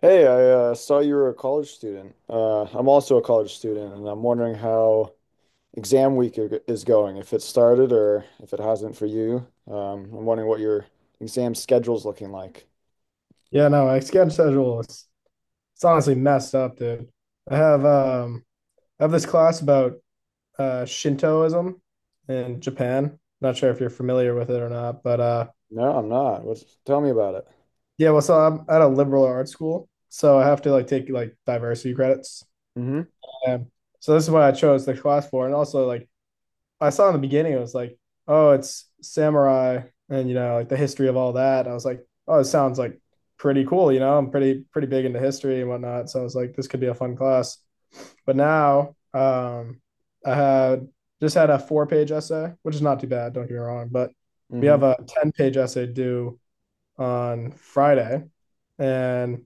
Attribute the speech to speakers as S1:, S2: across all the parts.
S1: Hey, I saw you were a college student. I'm also a college student, and I'm wondering how exam week is going, if it started or if it hasn't for you. I'm wondering what your exam schedule's looking like.
S2: Yeah, no, my sketch schedule is it's honestly messed up, dude. I have um I have this class about Shintoism in Japan. Not sure if you're familiar with it or not, but
S1: No, I'm not. Tell me about it.
S2: yeah, well so I'm at a liberal arts school, so I have to like take like diversity credits.
S1: Hmm,
S2: And so this is what I chose the class for. And also like I saw in the beginning it was like, oh, it's samurai and you know, like the history of all that. I was like, oh, it sounds like pretty cool, you know. I'm pretty big into history and whatnot. So I was like, this could be a fun class. But now I had just had a four-page essay, which is not too bad, don't get me wrong, but we
S1: hmm.
S2: have a 10-page essay due on Friday. And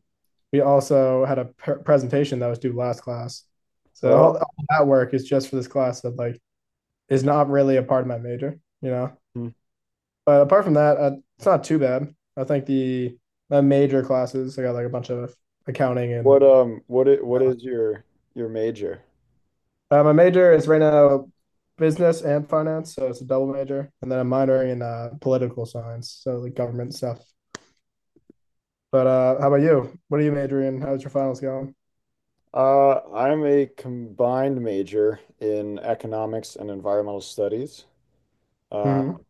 S2: we also had a presentation that was due last class. So
S1: Oh.
S2: all that work is just for this class that like is not really a part of my major, you know.
S1: Mhm.
S2: But apart from that, it's not too bad. I think the my major classes I got like a bunch of accounting and.
S1: What is your major?
S2: My major is right now business and finance, so it's a double major, and then I'm minoring in political science, so like government stuff. But how about you? What are you majoring in? How's your finals going?
S1: I'm a combined major in economics and environmental studies. Uh,
S2: Hmm.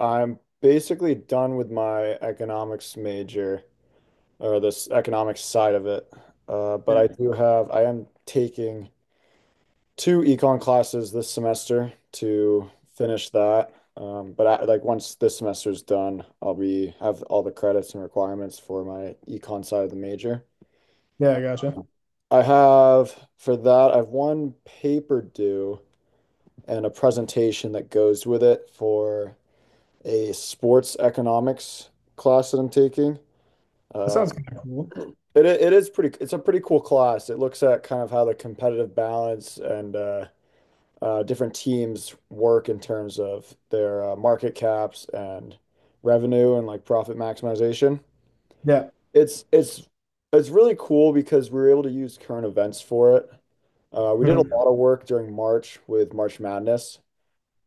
S1: I'm basically done with my economics major, or this economics side of it. Uh, but I
S2: Yeah,
S1: do have, I am taking two econ classes this semester to finish that. But like once this semester's done, I'll be have all the credits and requirements for my econ side of the major.
S2: yeah, I gotcha.
S1: I have for that, I have one paper due and a presentation that goes with it for a sports economics class that I'm taking.
S2: That
S1: Uh,
S2: sounds kind of cool.
S1: it is pretty. It's a pretty cool class. It looks at kind of how the competitive balance and different teams work in terms of their market caps and revenue and like profit maximization.
S2: Yeah.
S1: It's it's it's really cool because we were able to use current events for it. We did a
S2: Mhm.
S1: lot of work during March with March Madness.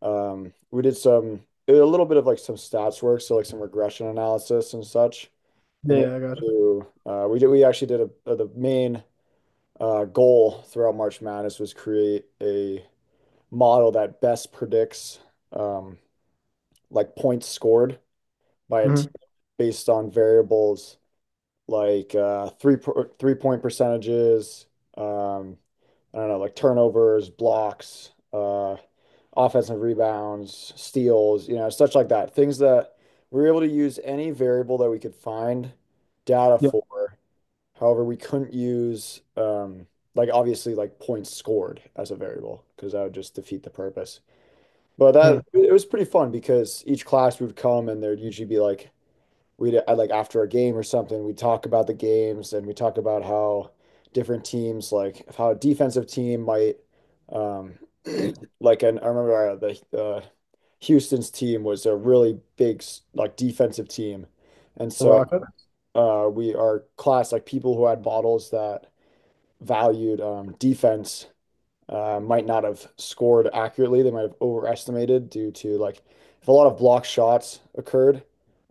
S1: We did some a little bit of like some stats work, so like some regression analysis and such
S2: Yeah,
S1: in order
S2: yeah, I gotcha.
S1: to, we actually did the main goal throughout March Madness was create a model that best predicts um, like points scored by a team
S2: Hmm.
S1: based on variables like three point percentages, um, I don't know, like turnovers, blocks, offensive rebounds, steals, you know, such like that. Things that we were able to use any variable that we could find data
S2: Yeah.
S1: for. However, we couldn't use like obviously like points scored as a variable because that would just defeat the purpose. But that
S2: Mhm.
S1: it was pretty fun because each class would come and there'd usually be like we'd like after a game or something, we'd talk about the games and we talk about how different teams, like how a defensive team might, um, like, and I remember the Houston's team was a really big like defensive team. And
S2: The
S1: so
S2: Rocket.
S1: we our class, like people who had models that valued defense, might not have scored accurately. They might have overestimated due to like if a lot of block shots occurred,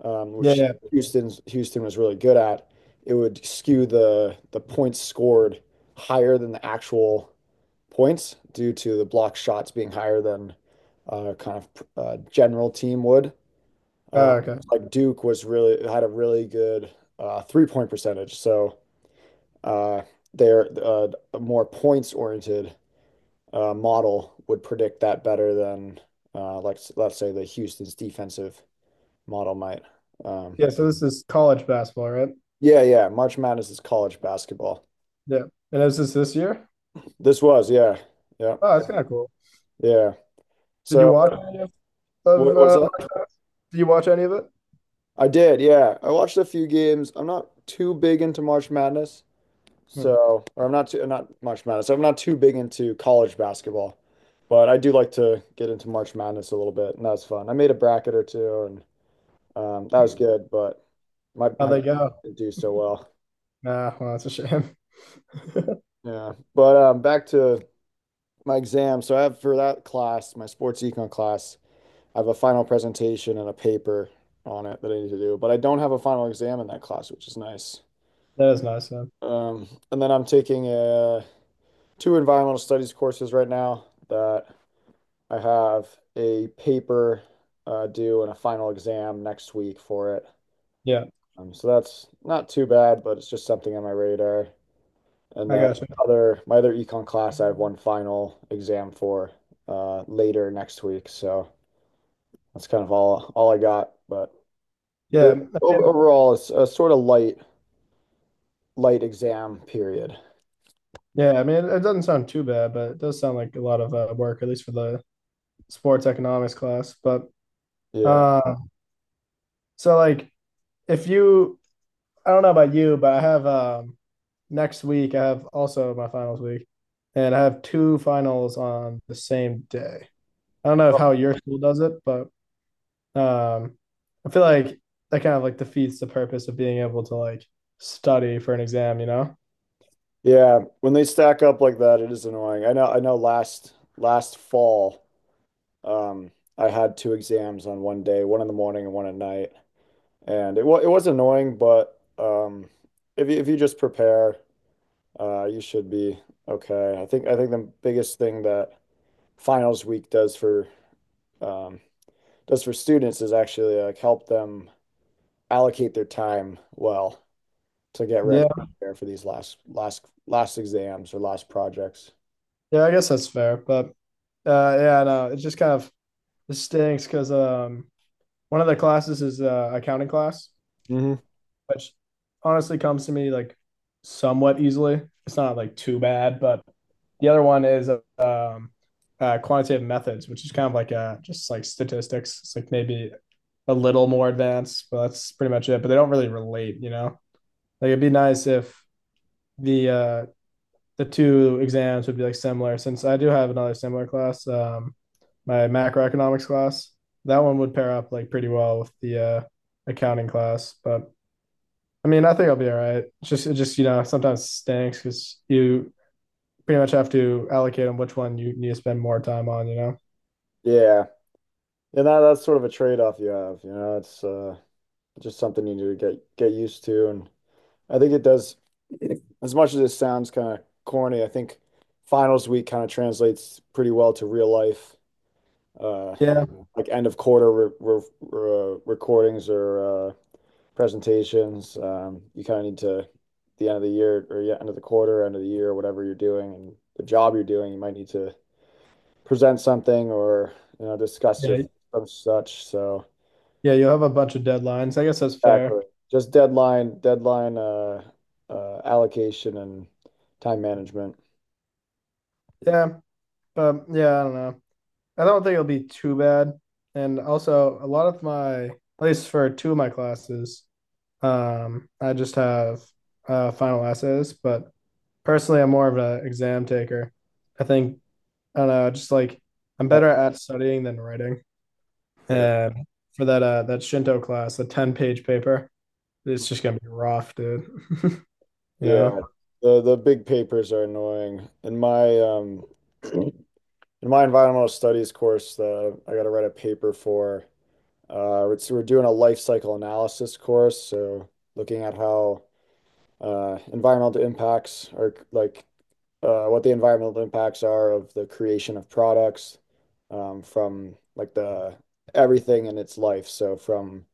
S2: Yeah,
S1: which
S2: yeah.
S1: Houston was really good at, it would skew the points scored higher than the actual points due to the block shots being higher than uh, kind of general team would. Uh,
S2: Oh, okay.
S1: Like Duke was really had a really good three-point percentage. So uh, they're, a more points-oriented model would predict that better than, like let's say the Houston's defensive model might. Um,
S2: Yeah, so this is college basketball, right?
S1: yeah, yeah. March Madness is college basketball.
S2: Yeah. And is this this year?
S1: This was, yeah, yeah,
S2: Oh, that's kind of cool.
S1: yeah.
S2: Did you
S1: So,
S2: watch any of
S1: what's up?
S2: did you watch any of it?
S1: I did, yeah. I watched a few games. I'm not too big into March Madness.
S2: Hmm.
S1: So, or I'm not too, not March Madness. I'm not too big into college basketball, but I do like to get into March Madness a little bit, and that was fun. I made a bracket or two, and that was good, but my
S2: How'd
S1: my bracket
S2: they go?
S1: didn't do so well.
S2: Ah, well, that's a shame.
S1: Yeah, but back to my exam. So I have for that class, my sports econ class, I have a final presentation and a paper on it that I need to do, but I don't have a final exam in that class, which is nice.
S2: That is nice, though.
S1: And then I'm taking two environmental studies courses right now that I have a paper due and a final exam next week for it.
S2: Yeah,
S1: So that's not too bad, but it's just something on my radar. And
S2: I
S1: then
S2: gotcha.
S1: other my other econ class, I have one final exam for, later next week. So that's kind of all I got. But it,
S2: Yeah,
S1: overall, it's a sort of light exam period.
S2: yeah. I mean, it doesn't sound too bad, but it does sound like a lot of work, at least for the sports economics class. But
S1: Yeah.
S2: uh, so like, if you, I don't know about you, but I have next week. I have also my finals week, and I have two finals on the same day. I don't know if how your school does it, but um, I feel like that kind of like defeats the purpose of being able to like study for an exam, you know?
S1: Yeah, when they stack up like that, it is annoying. I know, last fall. Um, I had two exams on one day, one in the morning and one at night, and it was annoying, but if you just prepare, you should be okay. I think the biggest thing that finals week does for, um, does for students is actually like help them allocate their time well to get ready there for these last exams or last projects.
S2: Yeah, I guess that's fair, but yeah, no, it just kind of it stinks because one of the classes is accounting class,
S1: Hmm.
S2: which honestly comes to me like somewhat easily. It's not like too bad, but the other one is quantitative methods, which is kind of like just like statistics. It's like maybe a little more advanced, but that's pretty much it. But they don't really relate, you know. Like it'd be nice if the uh, the two exams would be like similar since I do have another similar class, my macroeconomics class. That one would pair up like pretty well with the accounting class, but I mean, I think I'll be all right. It's just, it just you know, sometimes stinks because you pretty much have to allocate on which one you need to spend more time on. You know?
S1: Yeah, and that's sort of a trade-off you have, you know. It's, just something you need to get used to. And I think it does, as much as it sounds kind of corny, I think finals week kind of translates pretty well to real life. Uh,
S2: Yeah,
S1: like end of quarter recordings or presentations. You kind of need to, the end of the year, or yeah, end of the quarter, end of the year, whatever you're doing and the job you're doing, you might need to present something or you know discuss
S2: yeah,
S1: or such. So.
S2: yeah. You'll have a bunch of deadlines. I guess that's fair.
S1: Exactly. Just deadline, deadline, allocation and time management.
S2: Yeah, but yeah, I don't know. I don't think it'll be too bad. And also, a lot of my, at least for two of my classes, I just have final essays, but personally, I'm more of an exam taker. I think I don't know, just like I'm
S1: I,
S2: better at studying than writing.
S1: yeah,
S2: And for that that Shinto class, a 10-page paper, it's just gonna be rough, dude. You know?
S1: yeah. The big papers are annoying. In my in my environmental studies course, that I got to write a paper for. We're doing a life cycle analysis course, so looking at how environmental impacts are like, what the environmental impacts are of the creation of products, from like the everything in its life. So from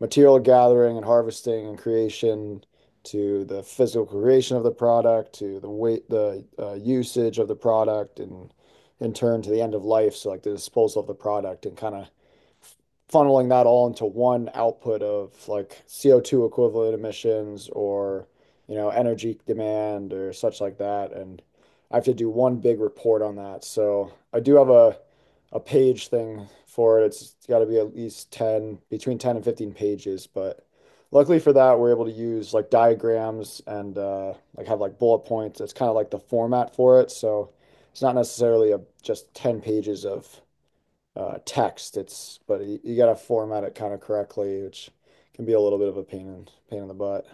S1: material gathering and harvesting and creation to the physical creation of the product to the weight, the usage of the product, and in turn to the end of life, so like the disposal of the product and kind of funneling that all into one output of like CO2 equivalent emissions or, you know, energy demand or such like that. And I have to do one big report on that. So I do have a page thing for it. It's got to be at least 10, between 10 and 15 pages. But luckily for that, we're able to use like diagrams and like have like bullet points. It's kind of like the format for it. So it's not necessarily a just 10 pages of text. It's but you got to format it kind of correctly, which can be a little bit of a pain in the butt.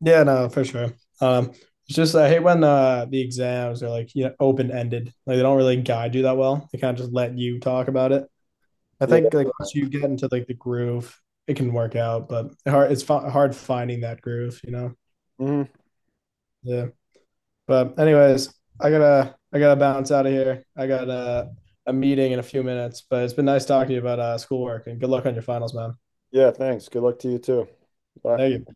S2: Yeah, no, for sure. Um, it's just I hate when the exams are like you know open ended, like they don't really guide you that well. They kind of just let you talk about it. I
S1: Yeah.
S2: think like once you get into like the groove, it can work out, but hard finding that groove, you know.
S1: Hmm.
S2: Yeah. But anyways, I gotta bounce out of here. I got a meeting in a few minutes, but it's been nice talking to you about schoolwork and good luck on your finals, man.
S1: Yeah, thanks. Good luck to you too. Bye.
S2: Thank you.